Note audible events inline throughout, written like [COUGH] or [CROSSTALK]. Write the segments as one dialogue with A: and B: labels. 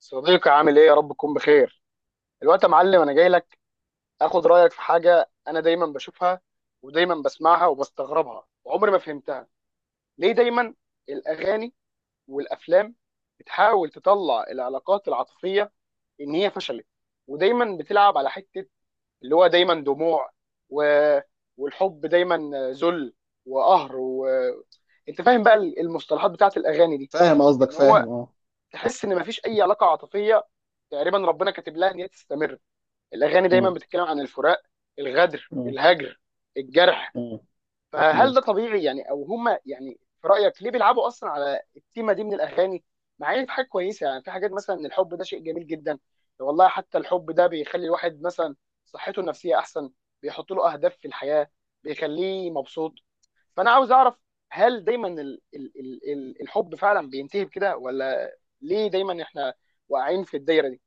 A: صديقي، عامل ايه؟ يا رب تكون بخير. الوقت يا معلم، انا جاي لك. اخد رايك في حاجه انا دايما بشوفها، ودايما بسمعها وبستغربها وعمري ما فهمتها. ليه دايما الاغاني والافلام بتحاول تطلع العلاقات العاطفيه ان هي فشلت؟ ودايما بتلعب على حته اللي هو دايما دموع و... والحب دايما ذل وقهر انت فاهم بقى المصطلحات بتاعت الاغاني دي؟
B: فاهم قصدك،
A: ان هو
B: فاهم، اه.
A: تحس ان مفيش اي علاقه عاطفيه تقريبا ربنا كاتب لها ان هي تستمر. الاغاني دايما
B: مم.
A: بتتكلم عن الفراق، الغدر،
B: مم.
A: الهجر، الجرح.
B: مم.
A: فهل
B: مم.
A: ده طبيعي يعني؟ او هما يعني في رايك ليه بيلعبوا اصلا على التيمه دي من الاغاني؟ مع ان في حاجات كويسه، يعني في حاجات مثلا ان الحب ده شيء جميل جدا، والله حتى الحب ده بيخلي الواحد مثلا صحته النفسيه احسن، بيحط له اهداف في الحياه، بيخليه مبسوط. فانا عاوز اعرف هل دايما ال ال ال ال الحب فعلا بينتهي بكده؟ ولا ليه دايما احنا واقعين في الدايره دي؟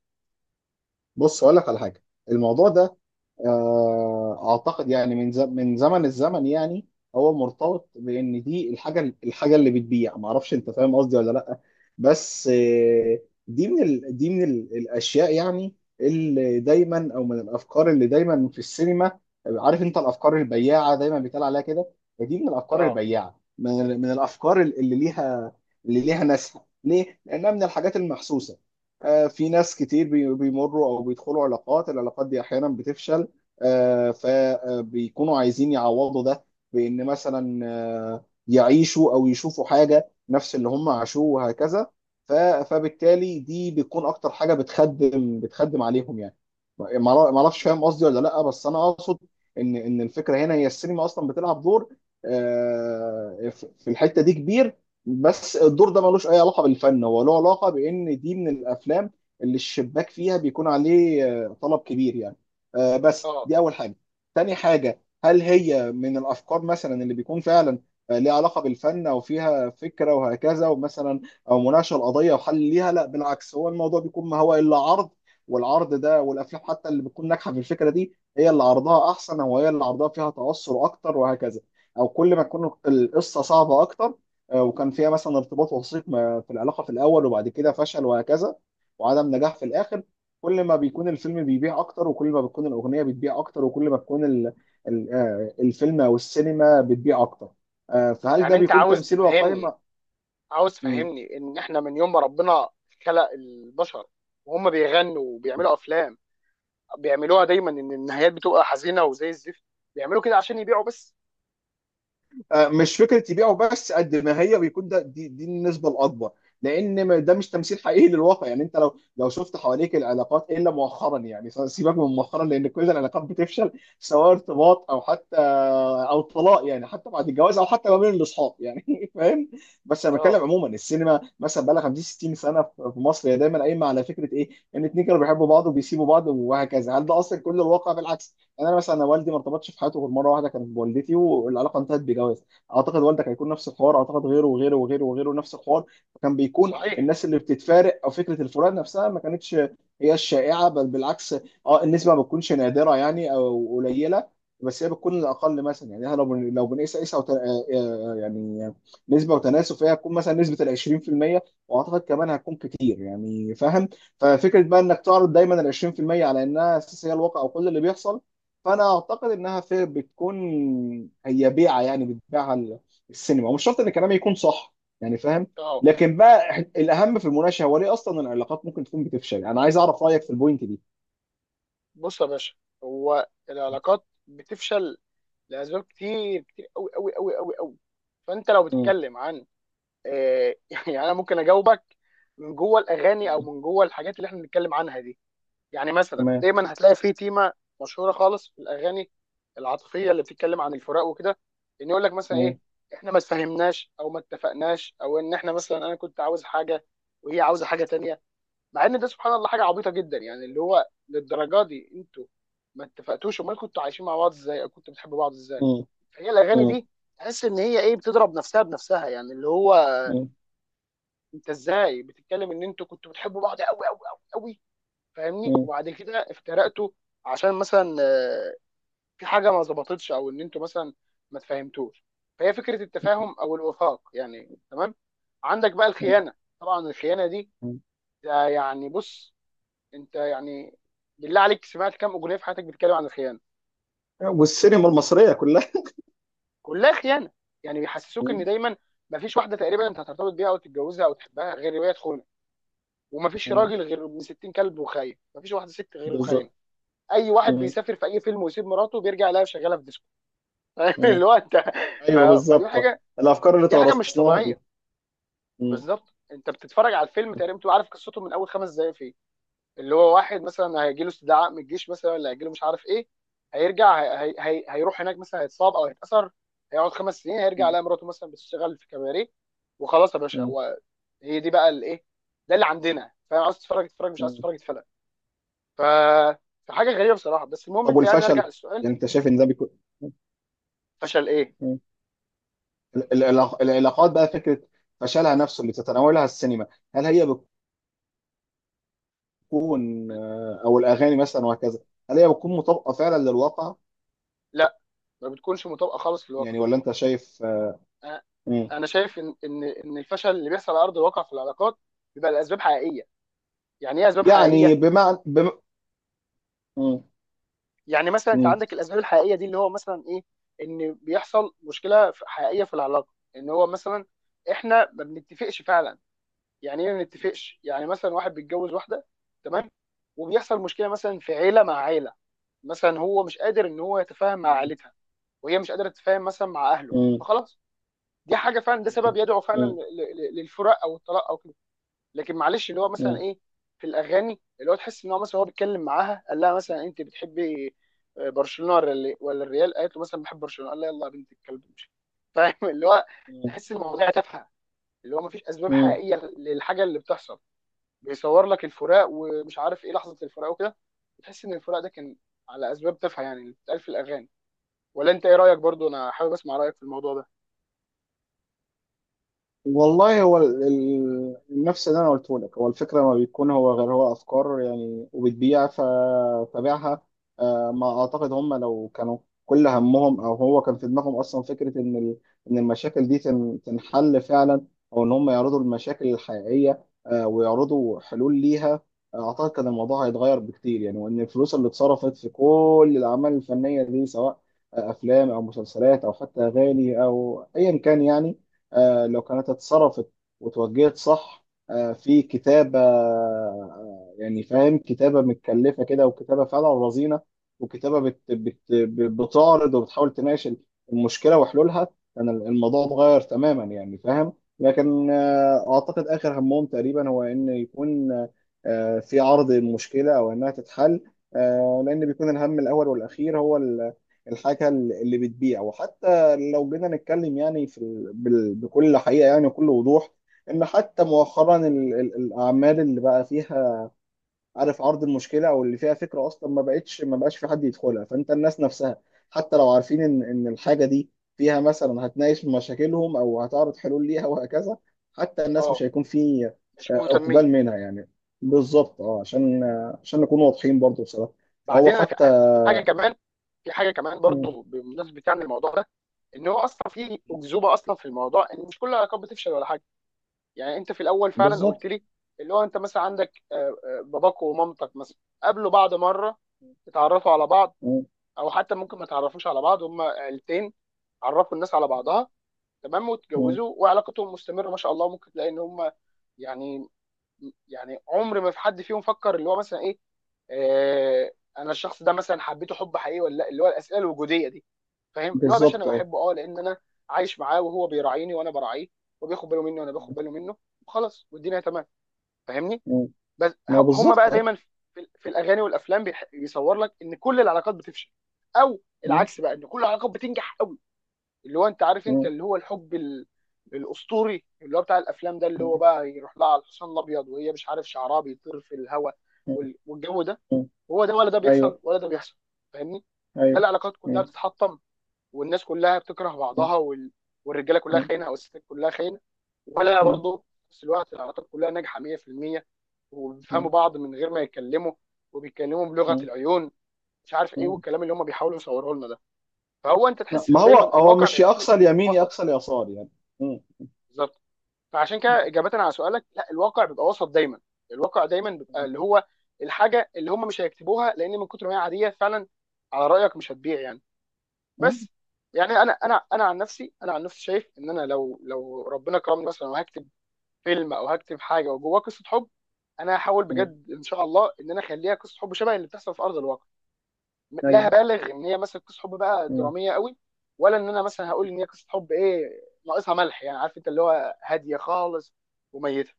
B: بص، اقول لك على حاجه. الموضوع ده، اعتقد يعني من زمن الزمن يعني. هو مرتبط بان دي الحاجه اللي بتبيع. ما اعرفش، انت فاهم قصدي ولا لا؟ بس دي من الاشياء يعني، اللي دايما او من الافكار اللي دايما في السينما. عارف انت الافكار البياعه دايما بيتقال عليها كده. دي من الافكار
A: اه.
B: البياعه، من الافكار اللي ليها ناسها. ليه؟ لانها من الحاجات المحسوسه. في ناس كتير بيمروا او بيدخلوا العلاقات دي، احيانا بتفشل. فبيكونوا عايزين يعوضوا ده، بإن مثلا يعيشوا أو يشوفوا حاجة نفس اللي هم عاشوه وهكذا. ف- فبالتالي دي بتكون أكتر حاجة بتخدم عليهم يعني. ما أعرفش، فاهم قصدي ولا لأ؟ بس أنا أقصد إن الفكرة هنا، هي السينما أصلا بتلعب دور في الحتة دي كبير. بس الدور ده ملوش أي علاقة بالفن، هو له علاقة بإن دي من الأفلام اللي الشباك فيها بيكون عليه طلب كبير يعني. بس
A: اه
B: دي اول حاجه. تاني حاجه، هل هي من الافكار مثلا اللي بيكون فعلا ليها علاقه بالفن، او فيها فكره وهكذا، ومثلا او مناقشه القضيه وحل ليها؟ لا بالعكس، هو الموضوع بيكون ما هو الا عرض. والعرض ده، والافلام حتى اللي بتكون ناجحه في الفكره دي، هي اللي عرضها احسن، او هي اللي عرضها فيها توسع اكتر وهكذا. او كل ما تكون القصه صعبه اكتر، وكان فيها مثلا ارتباط وثيق في العلاقه في الاول، وبعد كده فشل وهكذا، وعدم نجاح في الاخر، كل ما بيكون الفيلم بيبيع اكتر، وكل ما بتكون الاغنيه بتبيع اكتر، وكل ما بتكون ال ال آه، الفيلم او السينما بتبيع اكتر. فهل
A: يعني
B: ده
A: انت
B: بيكون
A: عاوز
B: تمثيل واقعي؟
A: تفهمني، عاوز
B: ما-
A: تفهمني ان احنا من يوم ما ربنا خلق البشر وهم بيغنوا وبيعملوا افلام، بيعملوها دايما ان النهايات بتبقى حزينه وزي الزفت؟ بيعملوا كده عشان يبيعوا بس؟
B: مش فكره يبيعه بس، قد ما هي بيكون ده، دي النسبه الاكبر، لان ده مش تمثيل حقيقي للواقع. يعني انت لو شفت حواليك العلاقات الا مؤخرا، يعني سيبك من مؤخرا، لان كل العلاقات بتفشل، سواء ارتباط او حتى او طلاق، يعني حتى بعد الجواز، او حتى ما بين الاصحاب يعني [LAUGHS] فاهم. بس انا بتكلم
A: اه.
B: عموما، السينما مثلا بقى لها 50 60 سنه في مصر، هي دايما قايمه على فكره ايه؟ ان اتنين كانوا بيحبوا بعض وبيسيبوا بعض وهكذا. هل ده اصلا كل الواقع؟ بالعكس، يعني انا مثلا أنا والدي ما ارتبطش في حياته غير مره واحده، كانت بوالدتي، والعلاقه انتهت بجواز. اعتقد والدك هيكون نفس الحوار، اعتقد غيره وغيره وغيره وغيره نفس الحوار. فكان بيكون
A: صحيح.
B: الناس اللي بتتفارق، او فكره الفراق نفسها، ما كانتش هي الشائعه، بل بالعكس. اه النسبه ما بتكونش نادره يعني او قليله، بس هي بتكون الاقل مثلا. يعني إحنا لو بنقيس قيسه يعني نسبه وتناسب، فهي هتكون مثلا نسبه ال 20%. واعتقد كمان هتكون كتير، يعني فاهم. ففكره بقى انك تعرض دايما ال 20% على انها اساس، هي الواقع وكل اللي بيحصل. فانا اعتقد انها في بتكون، هي بيعه يعني، بتبيعها السينما، ومش شرط ان كلامي يكون صح، يعني فاهم.
A: اه.
B: لكن بقى الاهم في المناقشه، هو ليه اصلا العلاقات ممكن تكون بتفشل. انا عايز اعرف رايك في البوينت دي.
A: بص يا باشا، هو العلاقات بتفشل لاسباب كتير، كتير قوي قوي قوي قوي قوي. فانت لو
B: مم.
A: بتتكلم عن [LAUGHS] يعني انا ممكن اجاوبك من جوه الاغاني او
B: مم.
A: من جوه الحاجات اللي احنا بنتكلم عنها دي. يعني مثلا
B: تمام.
A: دايما هتلاقي في تيمه مشهوره خالص في الاغاني العاطفيه اللي بتتكلم عن الفراق وكده، ان يقول لك مثلا ايه،
B: مم.
A: احنا ما اتفهمناش او ما اتفقناش، او ان احنا مثلا انا كنت عاوز حاجه وهي عاوزه حاجه تانية. مع ان ده سبحان الله حاجه عبيطه جدا، يعني اللي هو للدرجه دي انتوا ما اتفقتوش؟ امال كنتوا عايشين مع بعض ازاي، او كنتوا بتحبوا بعض ازاي؟
B: مم.
A: فهي الاغاني
B: مم.
A: دي تحس ان هي ايه، بتضرب نفسها بنفسها، يعني اللي هو
B: مم.
A: انت ازاي بتتكلم ان انتوا كنتوا بتحبوا بعض قوي قوي قوي، فاهمني،
B: مم.
A: وبعد كده افترقتوا عشان مثلا في حاجه ما ظبطتش، او ان انتوا مثلا ما تفهمتوش. فهي فكره التفاهم او الوفاق، يعني تمام. عندك بقى الخيانه. طبعا الخيانه دي،
B: مم.
A: ده يعني بص، انت يعني بالله عليك سمعت كام اغنيه في حياتك بتتكلم عن الخيانه؟
B: والسينما المصريه كلها.
A: كلها خيانه. يعني بيحسسوك ان
B: مم.
A: دايما ما فيش واحده تقريبا انت هترتبط بيها او تتجوزها او تحبها غير وهي تخونه، وما فيش
B: مم.
A: راجل غير ابن 60 كلب وخاين، ما فيش واحده ست غير وخاينه.
B: بالظبط.
A: اي واحد
B: مم.
A: بيسافر في اي فيلم ويسيب مراته بيرجع لها شغاله في [LAUGHS]
B: مم.
A: اللي هو انت.
B: ايوه،
A: فدي
B: بالظبط.
A: حاجه،
B: الافكار اللي
A: دي حاجه مش
B: تورثناها دي.
A: طبيعيه.
B: مم.
A: بالظبط، انت بتتفرج على الفيلم تقريبا بتبقى عارف قصته من اول 5 دقائق فيه. اللي هو واحد مثلا هيجي له استدعاء من الجيش مثلا، ولا هيجي له مش عارف ايه، هيرجع هيروح هناك مثلا، هيتصاب او هيتاثر، هيقعد 5 سنين هيرجع
B: مم.
A: على مراته مثلا بتشتغل في كباريه. وخلاص يا باشا،
B: مم.
A: هو هي دي بقى الايه؟ ده اللي عندنا. فاهم؟ عاوز تتفرج اتفرج، مش عاوز
B: مم.
A: تتفرج اتفرج. ف فحاجه غريبه بصراحه. بس المهم
B: طب،
A: انت يعني
B: والفشل؟
A: نرجع للسؤال.
B: يعني انت شايف ان ده بيكون،
A: فشل ايه؟
B: العلاقات بقى، فكره فشلها نفسه اللي تتناولها السينما، هل هي بتكون او الاغاني مثلا وهكذا، هل هي بتكون مطابقه فعلا للواقع؟
A: لا، ما بتكونش مطابقه خالص في الواقع.
B: يعني ولا انت شايف؟ مم.
A: انا شايف ان الفشل اللي بيحصل على ارض الواقع في العلاقات بيبقى لاسباب حقيقيه. يعني ايه اسباب
B: يعني
A: حقيقيه؟
B: بمعنى. مم.
A: يعني مثلا انت
B: مم.
A: عندك الاسباب الحقيقيه دي اللي هو مثلا ايه، ان بيحصل مشكله حقيقيه في العلاقه ان هو مثلا احنا ما بنتفقش فعلا. يعني ايه ما بنتفقش؟ يعني مثلا واحد بيتجوز واحده، تمام، وبيحصل مشكله مثلا في عيله مع عيله، مثلا هو مش قادر ان هو يتفاهم مع
B: مم.
A: عيلتها، وهي مش قادره تتفاهم مثلا مع اهله،
B: مم.
A: فخلاص. دي حاجه فعلا، ده سبب يدعو فعلا
B: مم.
A: للفراق او الطلاق او كده. لكن معلش اللي هو مثلا
B: مم.
A: ايه، في الاغاني اللي هو تحس ان هو مثلا هو بيتكلم معاها قال لها مثلا انت بتحبي برشلونه ولا ولا الريال، قالت له مثلا بحب برشلونه، قال لها يلا يا بنت الكلب امشي. [LAUGHS] فاهم اللي هو تحس المواضيع تافهه، اللي هو مفيش اسباب
B: مم.
A: حقيقيه للحاجه اللي بتحصل. بيصور لك الفراق ومش عارف ايه لحظه الفراق وكده، تحس ان الفراق ده كان على اسباب تافهه، يعني اللي بتتقال في الاغاني. ولا انت ايه رايك؟ برضو انا حابب اسمع رايك في الموضوع ده.
B: والله، هو نفس اللي انا قلته لك، هو الفكره، ما بيكون هو غير هو افكار يعني، وبتبيع فتابعها. ما اعتقد هم لو كانوا كل همهم، او هو كان في دماغهم اصلا فكره، ان ان المشاكل دي تنحل فعلا، او ان هم يعرضوا المشاكل الحقيقيه ويعرضوا حلول ليها، اعتقد كان الموضوع هيتغير بكتير. يعني وان الفلوس اللي اتصرفت في كل الاعمال الفنيه دي، سواء افلام او مسلسلات او حتى اغاني او ايا كان، يعني لو كانت اتصرفت وتوجهت صح، في كتابة، يعني فاهم، كتابة متكلفة كده، وكتابة فعلا رزينة، وكتابة بت بت بتعرض وبتحاول تناقش المشكلة وحلولها، كان الموضوع اتغير تماما، يعني فاهم. لكن أعتقد آخر همهم تقريبا هو إن يكون في عرض المشكلة، أو إنها تتحل. لأن بيكون الهم الأول والأخير، هو الحاجة اللي بتبيع. وحتى لو جينا نتكلم يعني بكل حقيقة، يعني وكل وضوح، إن حتى مؤخرا الأعمال اللي بقى فيها، عارف، عرض المشكلة أو اللي فيها فكرة أصلا، ما بقاش في حد يدخلها. فأنت الناس نفسها، حتى لو عارفين إن الحاجة دي فيها مثلا هتناقش مشاكلهم، أو هتعرض حلول ليها وهكذا، حتى الناس
A: اه.
B: مش هيكون في
A: مش مهتمين.
B: إقبال منها يعني. بالظبط أه، عشان عشان نكون واضحين برضو بصراحة. فهو
A: بعدين انا في
B: حتى.
A: في حاجه كمان، في حاجه كمان
B: مم.
A: برضو بمناسبه يعني الموضوع ده، ان هو اصلا في اكذوبه اصلا في الموضوع ان مش كل العلاقات بتفشل ولا حاجه. يعني انت في الاول فعلا قلت
B: بالظبط.
A: لي اللي هو انت مثلا عندك باباك ومامتك مثلا قابلوا بعض مره، اتعرفوا على بعض،
B: مم.
A: او حتى ممكن ما تعرفوش على بعض، هما عيلتين عرفوا الناس على بعضها، تمام،
B: مم.
A: واتجوزوا وعلاقتهم مستمره ما شاء الله. ممكن تلاقي ان هما يعني، يعني عمر ما في حد فيهم فكر اللي هو مثلا ايه، آه، انا الشخص ده مثلا حبيته حب حقيقي ولا لا، اللي هو الاسئله الوجوديه دي، فاهم؟ اللي هو يا باشا انا
B: بالظبط أه.
A: بحبه اه لان انا عايش معاه وهو بيراعيني وانا براعيه، وبياخد باله مني وانا باخد باله منه، خلاص والدنيا تمام. فاهمني؟
B: مم.
A: بس
B: ما هو
A: هم
B: بالظبط
A: بقى
B: اه.
A: دايما في الاغاني والافلام بيصور لك ان كل العلاقات بتفشل، او
B: مم.
A: العكس بقى ان كل العلاقات بتنجح قوي، اللي هو انت عارف انت
B: مم.
A: اللي هو الحب الاسطوري اللي هو بتاع الافلام ده، اللي هو
B: مم.
A: بقى يروح لها على الحصان الابيض وهي مش عارف شعرها بيطير في الهواء
B: مم.
A: والجو ده.
B: مم.
A: هو ده ولا ده بيحصل
B: ايوه.
A: ولا ده بيحصل؟ فاهمني؟ لا،
B: ايوه.
A: العلاقات كلها
B: مم.
A: بتتحطم، والناس كلها بتكره
B: مم.
A: بعضها، والرجاله كلها
B: مم.
A: خاينه، او الستات كلها خاينه، ولا
B: مم.
A: برضه في نفس الوقت العلاقات كلها ناجحه 100%، وبيفهموا
B: مم.
A: بعض من غير ما يتكلموا، وبيتكلموا بلغه
B: مم.
A: العيون، مش عارف ايه،
B: مم.
A: والكلام اللي هم بيحاولوا يصوروه لنا ده. فهو انت
B: لا،
A: تحس
B: ما
A: ان
B: هو
A: دايما
B: هو
A: الواقع
B: مش يا
A: بيكون
B: اقصى اليمين يا
A: وسط.
B: اقصى اليسار يعني. مم.
A: بالظبط. فعشان كده اجابه على سؤالك، لا، الواقع بيبقى وسط دايما. الواقع دايما بيبقى اللي هو الحاجه اللي هم مش هيكتبوها لان من كتر ما هي عاديه فعلا، على رايك مش هتبيع يعني.
B: مم.
A: بس يعني انا عن نفسي شايف ان انا لو ربنا كرمني مثلا وهكتب فيلم او هكتب حاجه وجواه قصه حب، انا هحاول
B: مم.
A: بجد ان شاء الله ان انا اخليها قصه حب شبه اللي بتحصل في ارض الواقع. لا
B: ايوه.
A: هبالغ ان هي مثلا قصه حب بقى
B: مم.
A: دراميه قوي، ولا ان انا مثلا هقول ان هي قصه حب ايه، ناقصها ملح، يعني عارف انت اللي هو هاديه خالص وميته.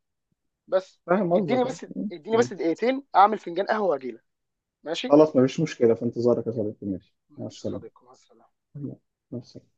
A: بس.
B: فاهم
A: اديني
B: قصدك اه.
A: بس،
B: مم.
A: اديني بس
B: مم.
A: دقيقتين اعمل فنجان قهوه واجيلك. ماشي.
B: خلاص، ما فيش مشكله، في انتظارك يا صديقي، ماشي، مع
A: ماشي يا
B: السلامه.
A: صديقي، مع السلامه.
B: مع السلامه.